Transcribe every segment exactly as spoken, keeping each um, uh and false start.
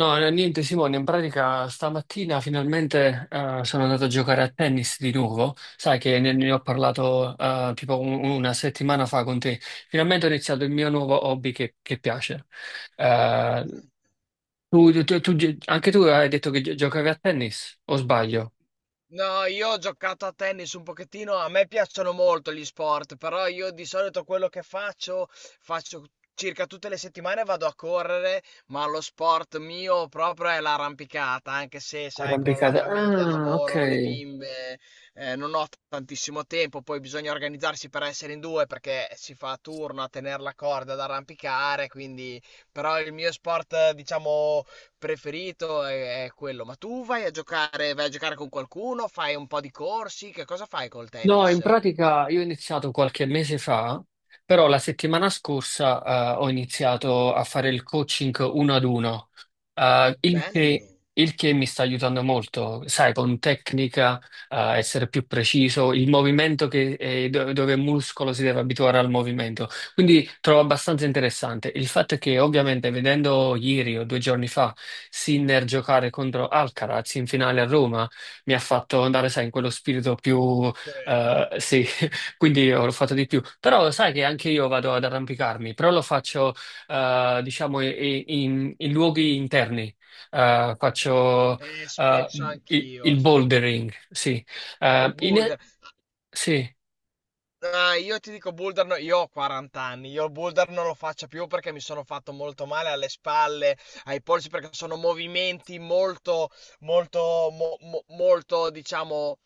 No, eh, niente Simone, in pratica stamattina finalmente eh, sono andato a giocare a tennis di nuovo, sai che ne, ne ho parlato eh, tipo un- una settimana fa con te, finalmente ho iniziato il mio nuovo hobby che, che piace. Eh, Gran tu, tu- tu- tu- Anche tu hai detto che gio- giocavi a tennis, o sbaglio? No, io ho giocato a tennis un pochettino, a me piacciono molto gli sport, però io di solito quello che faccio, faccio circa tutte le settimane vado a correre, ma lo sport mio proprio è l'arrampicata, anche se sai, con la Arrampicata. famiglia, Ah, ok. lavoro, le bimbe, eh, non ho tantissimo tempo. Poi bisogna organizzarsi per essere in due perché si fa a turno a tenere la corda ad arrampicare, quindi però il mio sport, eh, diciamo, preferito è, è quello. Ma tu vai a giocare, vai a giocare con qualcuno, fai un po' di corsi, che cosa fai col No, in tennis? pratica io ho iniziato qualche mese fa, però la settimana scorsa eh, ho iniziato a fare il coaching uno ad uno, eh, il che, Bello. il che mi sta aiutando molto, sai, con tecnica, eh, essere più preciso, il movimento che, eh, do- dove il muscolo si deve abituare al movimento. Quindi trovo abbastanza interessante. Il fatto è che ovviamente vedendo ieri o due giorni fa Sinner giocare contro Alcaraz in finale a Roma, mi ha fatto andare, sai, in quello spirito più Ci eh, credo. sì, quindi ho fatto di più. Però sai che anche io vado ad arrampicarmi, però lo faccio, eh, diciamo, i- i- in, in luoghi interni. Eh, faccio, Eh, eh, spesso i- anch'io. il s- bouldering, sì. E Eh, il in- boulder. sì. Ah, io ti dico boulder, no- io ho quaranta anni, io il boulder non lo faccio più perché mi sono fatto molto male alle spalle, ai polsi, perché sono movimenti molto, molto, mo- mo- molto, diciamo,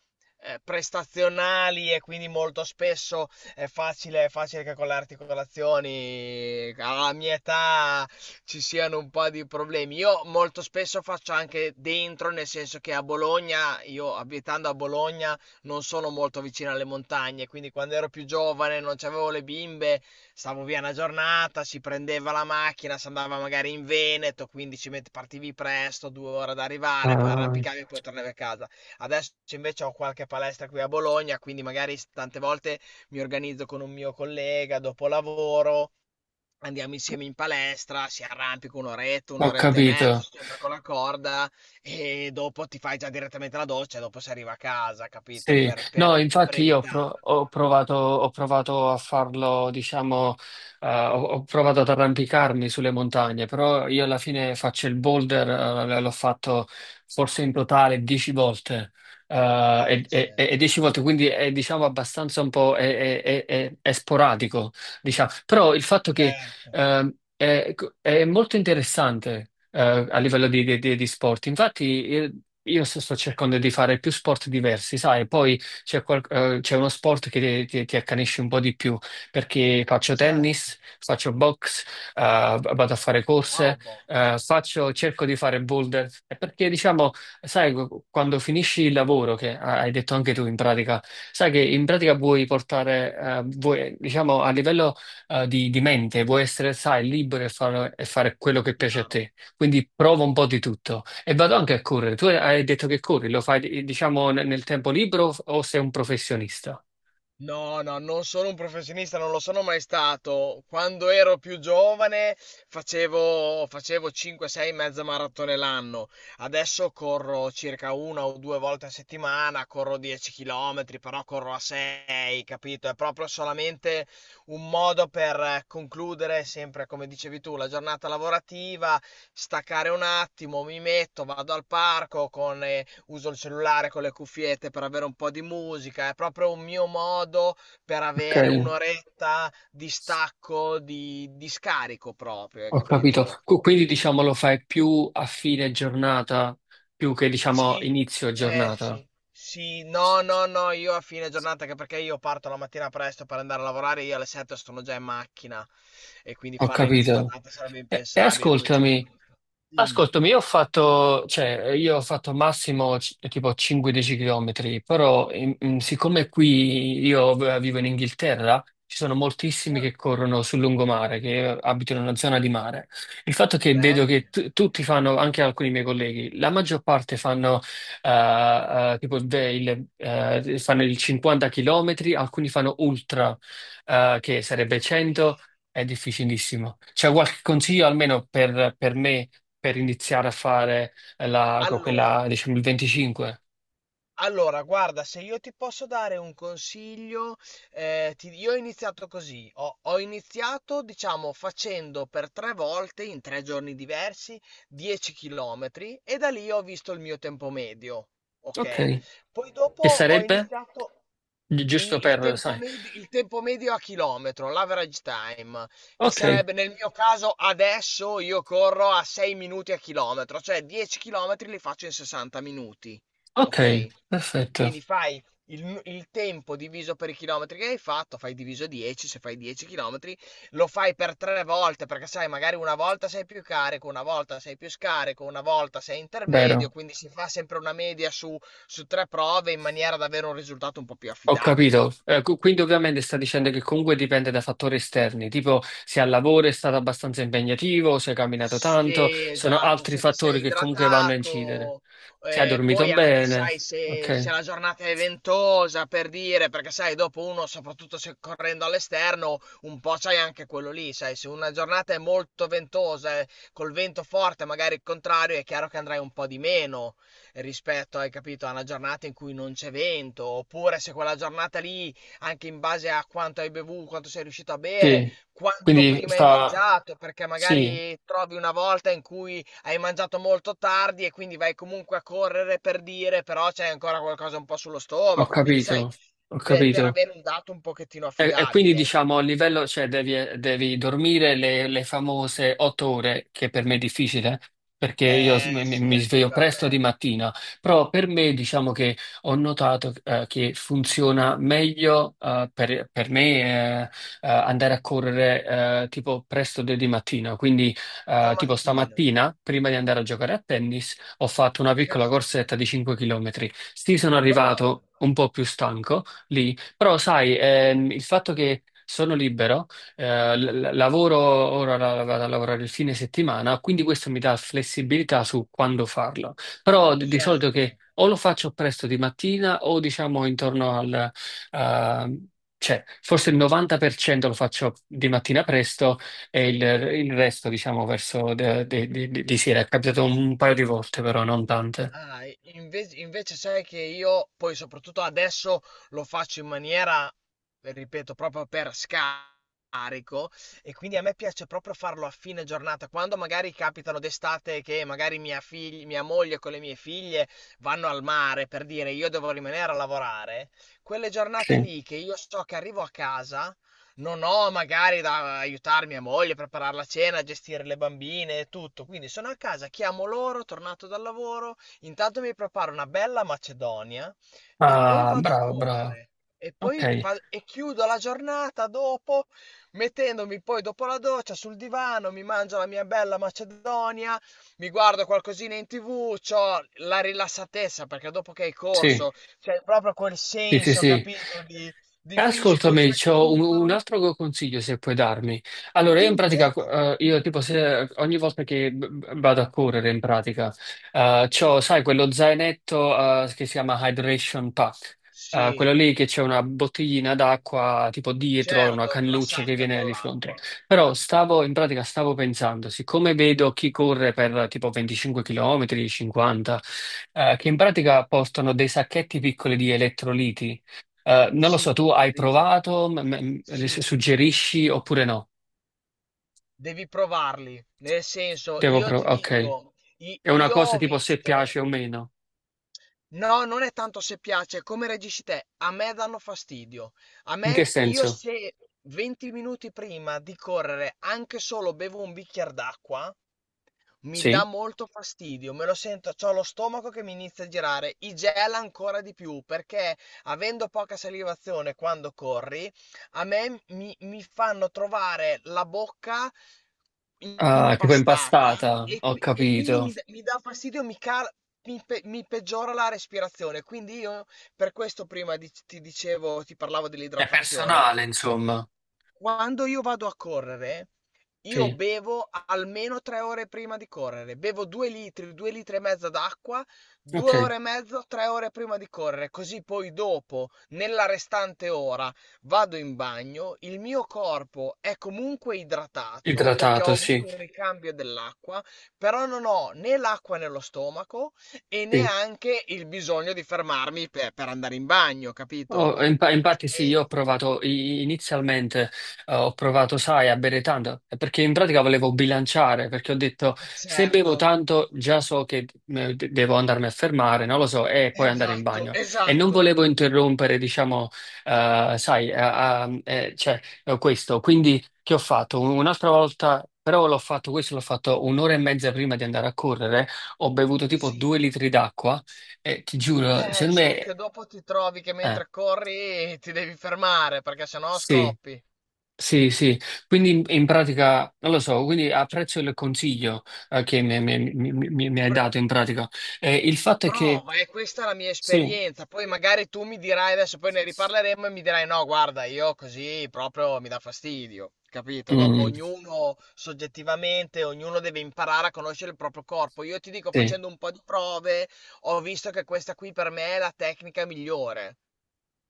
eh, prestazionali, e quindi molto spesso è facile, è facile che con le articolazioni alla mia età ci siano un po' di problemi. Io molto spesso faccio anche dentro, nel senso che a Bologna, io abitando a Bologna, non sono molto vicino alle montagne, quindi quando ero più giovane non c'avevo le bimbe, stavo via una giornata, si prendeva la macchina, si andava magari in Veneto, quindi ci met- partivi presto, due ore ad arrivare, poi Ah, arrampicavi e poi tornavi a casa. Adesso invece ho qualche palestra qui a Bologna, quindi magari tante volte mi organizzo con un mio collega dopo lavoro. Andiamo insieme in palestra, si arrampica un'oretta, ho un'oretta e mezza, capito. sempre con la corda, e dopo ti fai già direttamente la doccia, e dopo si arriva a casa, capito? Sì, Per, no, per infatti io ho, brevità. pro- ho provato, ho provato a farlo, diciamo, eh, ho, ho provato ad arrampicarmi sulle montagne, però io alla fine faccio il boulder, eh, l'ho fatto forse in totale dieci volte, Eh, eh, e, e- e certo, dieci volte, quindi è diciamo abbastanza un po' è, è- è- è- è sporadico, diciamo. Però il fatto che certo, Ehm, è, è molto interessante, eh, a livello di, di- di- di sport. Infatti, eh, io sto, sto cercando di fare più sport diversi, sai? Poi c'è qual- eh, c'è uno sport che ti, ti accanisce un po' di più, perché faccio certo. tennis, faccio box, eh, vado a fare corse, Wow, box, eh, faccio- cerco di fare boulder. È perché, diciamo, sai, quando finisci il lavoro, che hai detto anche tu in pratica, sai che in pratica vuoi portare, eh, vuoi, diciamo, a livello eh, di, di mente, vuoi essere, sai, libero e fare, e fare, quello che piace a chiaro. te. Quindi prova un po' di tutto. E vado anche a correre. Tu hai detto che corri, lo fai, diciamo, nel nel tempo libero o sei un professionista? No, no, non sono un professionista, non lo sono mai stato. Quando ero più giovane facevo, facevo cinque sei mezze maratone l'anno. Adesso corro circa una o due volte a settimana, corro dieci chilometri, però corro a sei, capito? È proprio solamente un modo per eh, concludere sempre, come dicevi tu, la giornata lavorativa, staccare un attimo, mi metto, vado al parco con eh, uso il cellulare con le cuffiette per avere un po' di musica, è proprio un mio modo per Ok. avere un'oretta di stacco, di, di scarico proprio, hai Ho capito. capito? Qu- Quindi diciamo lo fai più a fine giornata, più che diciamo Sì, inizio eh giornata. sì, sì, no, no, no, io a fine giornata, anche perché io parto la mattina presto per andare a lavorare, io alle sette sono già in macchina e quindi Ho fare inizio capito. giornata sarebbe E, e impensabile, poi c'ho dei. ascoltami, Dimmi. Ascoltami, io ho fatto, cioè, io ho fatto massimo c- tipo cinque dieci chilometri km, però in- in- siccome qui io v- vivo in Inghilterra, ci sono moltissimi Ah, che corrono sul lungomare, che abitano in una zona di mare. Il fatto che vedo che bello, tu- tutti fanno, anche alcuni miei colleghi, la maggior parte fanno, eh, eh, tipo de- il, eh, fanno il cinquanta chilometri, alcuni fanno ultra, eh, che sarebbe mamma mia. cento, è difficilissimo. C'è qualche consiglio almeno per per me? Per iniziare a fare eh, la, co- Allora, quella, diciamo, il venticinque. Allora, guarda, se io ti posso dare un consiglio, eh, ti- io ho iniziato così, ho, ho iniziato, diciamo, facendo per tre volte, in tre giorni diversi, dieci chilometri, e da lì ho visto il mio tempo medio, ok? Ok, Poi dopo che ho sarebbe iniziato, Gi- il, giusto il per, tempo sai. med- il tempo medio a chilometro, l'average time, che Ok, sarebbe nel mio caso adesso io corro a sei minuti a chilometro, cioè dieci chilometri li faccio in sessanta minuti, ok, ok? perfetto, Quindi fai il, nu- il tempo diviso per i chilometri che hai fatto, fai diviso dieci, se fai dieci chilometri, lo fai per tre volte, perché sai, magari una volta sei più carico, una volta sei più scarico, una volta sei intermedio, vero. quindi si fa sempre una media su su tre prove in maniera da avere un risultato un po' più Ho affidabile. capito. Eh, cu- quindi ovviamente sta dicendo che comunque dipende da fattori esterni, tipo se al lavoro è stato abbastanza impegnativo, se hai camminato tanto, Sì, sono esatto, altri se ti fattori sei che comunque vanno a incidere. idratato, Se hai eh, dormito poi anche bene, sai se, se ok, la giornata è ventosa per dire, perché sai, dopo uno, soprattutto se correndo all'esterno, un po' c'hai anche quello lì, sai, se una giornata è molto ventosa, eh, col vento forte, magari il contrario, è chiaro che andrai un po' di meno rispetto, hai capito, a una giornata in cui non c'è vento, oppure se quella giornata lì, anche in base a quanto hai bevuto, quanto sei riuscito a bere, sì. quanto Quindi prima hai fa, mangiato, perché sì, magari trovi una volta in cui hai mangiato molto tardi e quindi vai comunque a correre per dire, però c'è ancora qualcosa un po' sullo ho stomaco, quindi sai, capito, ho per, per capito. avere un dato un pochettino E, e quindi affidabile. diciamo a livello, cioè devi, eh, devi dormire le, le famose otto ore, che per me è difficile, perché io s- Eh mi, mi- sì, mi anche sveglio per presto di me. mattina, però per me diciamo che ho notato eh, che funziona meglio eh, per, per me eh, eh, andare a correre eh, tipo presto de- di mattina, quindi eh, La tipo mattina. stamattina, prima di andare a giocare a tennis, ho fatto una Sì, piccola corsetta allenatore. di cinque chilometri. Sì, sono Bravo. arrivato un po' più stanco lì, però sai, ehm, il fatto che sono libero, eh, l- l- lavoro ora la- vado a lavorare il fine settimana, quindi questo mi dà flessibilità su quando farlo. Però di, di solito che Certo. o lo faccio presto di mattina o diciamo intorno al. ehm, cioè, forse il novanta per cento lo faccio di mattina presto e il, il resto, diciamo, verso de- de- de- de- di sera. È capitato un paio di volte, però non tante. Ah, e inve- invece sai che io poi soprattutto adesso lo faccio in maniera, ripeto, proprio per scarico, e quindi a me piace proprio farlo a fine giornata, quando magari capitano d'estate che magari mia, figli- mia moglie con le mie figlie vanno al mare per dire io devo rimanere a lavorare, quelle giornate Sì. lì che io so che arrivo a casa, non ho magari da aiutare mia moglie, a preparare la cena, a gestire le bambine e tutto, quindi sono a casa, chiamo loro, tornato dal lavoro, intanto mi preparo una bella macedonia e poi Ah, vado a bravo, bravo. correre. E Ok, poi va- e chiudo la giornata dopo, mettendomi poi dopo la doccia sul divano, mi mangio la mia bella macedonia, mi guardo qualcosina in tivù, c'ho la rilassatezza perché dopo che hai sì, corso c'è proprio quel sì, sì, senso, sì. capito, di, di fisico Ascoltami, c'ho un, un recupero. altro consiglio se puoi darmi. Allora, io in Dimmi, pratica, certo. eh, io tipo se ogni volta che v- vado a correre in pratica, eh, c'ho, Sì, sai, quello zainetto, eh, che si chiama Hydration Pack. Eh, sì, Quello lì che c'è una bottiglina d'acqua tipo dietro e una certo, la cannuccia che sacca viene con di fronte. l'acqua. Però stavo, in pratica stavo pensando, siccome vedo chi corre per tipo venticinque chilometri, cinquanta, eh, che in pratica portano dei sacchetti piccoli di elettroliti, eh, non lo so, Sì, tu hai dice. provato, m- m- m- se Sì. suggerisci oppure no? Devi provarli. Nel senso, Devo io ti provare, ok. dico, i- È una io cosa ho tipo se visto. piace o meno. No, non è tanto se piace, è come reagisci te. A me danno fastidio. A In che me, io senso? se venti minuti prima di correre anche solo bevo un bicchiere d'acqua, mi dà Sì. molto fastidio, me lo sento, c'ho lo stomaco che mi inizia a girare, i gel ancora di più, perché avendo poca salivazione quando corri, a me mi, mi fanno trovare la bocca Ah, tipo impastata, impastata, e ho qui- e quindi capito. mi, dà mi dà fastidio, mi, cal- mi pe- mi peggiora la respirazione. Quindi io per questo prima di- ti dicevo, ti parlavo È dell'idratazione. personale, insomma. Quando io vado a correre, io Sì, bevo almeno tre ore prima di correre. Bevo due litri, due litri e mezzo d'acqua, due ok. ore e mezzo, tre ore prima di correre. Così poi dopo, nella restante ora, vado in bagno. Il mio corpo è comunque idratato perché Idratato, ho avuto sì. un ricambio dell'acqua, però non ho né l'acqua nello stomaco e Sì. neanche il bisogno di fermarmi per, per andare in bagno, capito? Oh, in- infatti sì, E io ho provato i- inizialmente, eh, ho provato, sai, a bere tanto, eh, perché in pratica volevo bilanciare, perché ho detto e se certo. bevo tanto già so che eh, de- devo andarmi a fermare, non lo so, e poi andare in Esatto, bagno. E non esatto. volevo interrompere, diciamo, eh, sai, a- a- eh, cioè, eh, questo. Quindi che ho fatto? Un- Un'altra volta, però l'ho fatto, questo l'ho fatto un'ora e mezza prima di andare a correre, ho bevuto tipo Sì. due litri d'acqua e ti giuro, Eh, secondo solo me. che dopo ti trovi che eh, mentre corri ti devi fermare perché sennò sì, scoppi. sì, sì, quindi in, in pratica, non lo so, quindi apprezzo il consiglio eh, che mi, mi- mi- mi- mi hai Pr- dato in pratica. Eh, il fatto è che, prova, e questa è la mia sì, esperienza. Poi magari tu mi dirai adesso, poi ne riparleremo e mi dirai no, guarda, io così proprio mi dà fastidio. Capito? Dopo mm, ognuno soggettivamente, ognuno deve imparare a conoscere il proprio corpo. Io ti dico, sì, facendo un po' di prove, ho visto che questa qui per me è la tecnica migliore.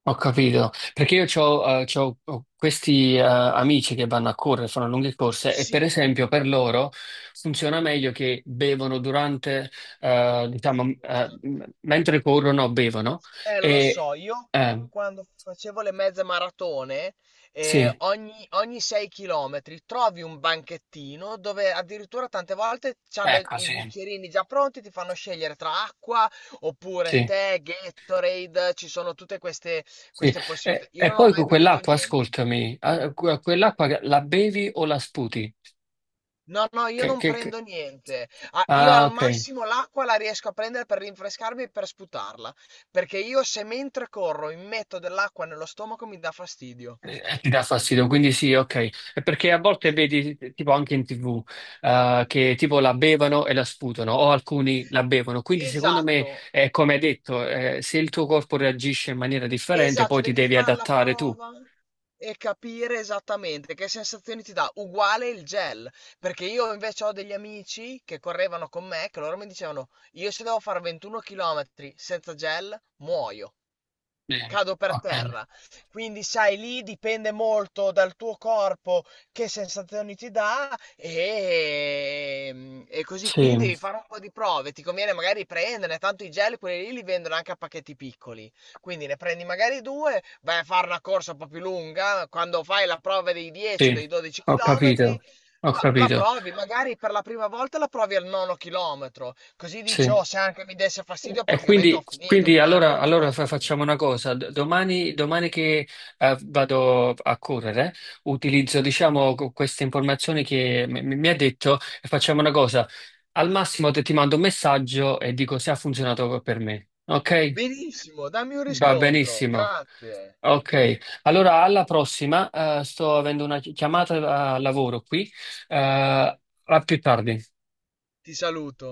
ho capito, perché io c'ho, eh, c'ho- ho questi eh, amici che vanno a correre, fanno lunghe corse e per Sì. esempio per loro funziona meglio che bevono durante, eh, La diciamo, eh, corsa. m- mentre corrono, bevono Eh, lo e. so, io eh, quando facevo le mezze maratone, eh, sì, ogni, ogni sei chilometri trovi un banchettino dove addirittura tante volte c'hanno ecco, i sì, bicchierini già pronti, ti fanno scegliere tra acqua oppure sì. tè, Gatorade, ci sono tutte queste, Sì, queste possibilità. e, Io e non ho poi mai con bevuto quell'acqua, niente. ascoltami, a- que- quell'acqua la bevi o la sputi? No, no, io Che- non che- che- prendo niente. Ah, io Ah, al ok. massimo l'acqua la riesco a prendere per rinfrescarmi e per sputarla. Perché io se mentre corro mi metto dell'acqua nello stomaco mi dà fastidio. Eh, ti dà fastidio, quindi sì, ok. È perché a volte vedi, tipo anche in T V, eh, che tipo la bevono e la sputano, o alcuni la bevono. Quindi secondo me, Esatto. eh, come hai detto, eh, se il tuo corpo reagisce in maniera differente, Esatto, poi ti devi devi far la adattare tu. prova e capire esattamente che sensazioni ti dà. Uguale il gel, perché io invece ho degli amici che correvano con me, che loro mi dicevano, io se devo fare ventuno chilometri senza gel, muoio, Sì, cado per ok. terra. Quindi, sai, lì dipende molto dal tuo corpo che sensazioni ti dà e, mm, e così. Sì, Quindi devi fare un po' di prove. Ti conviene magari prenderne, tanto i gel, quelli lì li vendono anche a pacchetti piccoli. Quindi ne prendi magari due, vai a fare una corsa un po' più lunga. Quando fai la prova dei dieci o sì, dei dodici ho chilometri, capito, ho la, la capito, provi, magari per la prima volta la provi al nono chilometro. Così dici, sì. oh, se anche mi desse fastidio, E praticamente ho quindi, finito, quindi mi manca allora, un allora fa- chilometro. facciamo una cosa. D- Domani, domani che eh, vado a correre, utilizzo, diciamo, co- queste informazioni che mi, mi- mi ha detto e facciamo una cosa. Al massimo te- ti mando un messaggio e dico se ha funzionato per me. Ok? Benissimo, dammi un Va riscontro, benissimo. grazie, Ok, allora alla prossima. eh, sto avendo una chi- chiamata a lavoro qui. eh, a più tardi. ti saluto.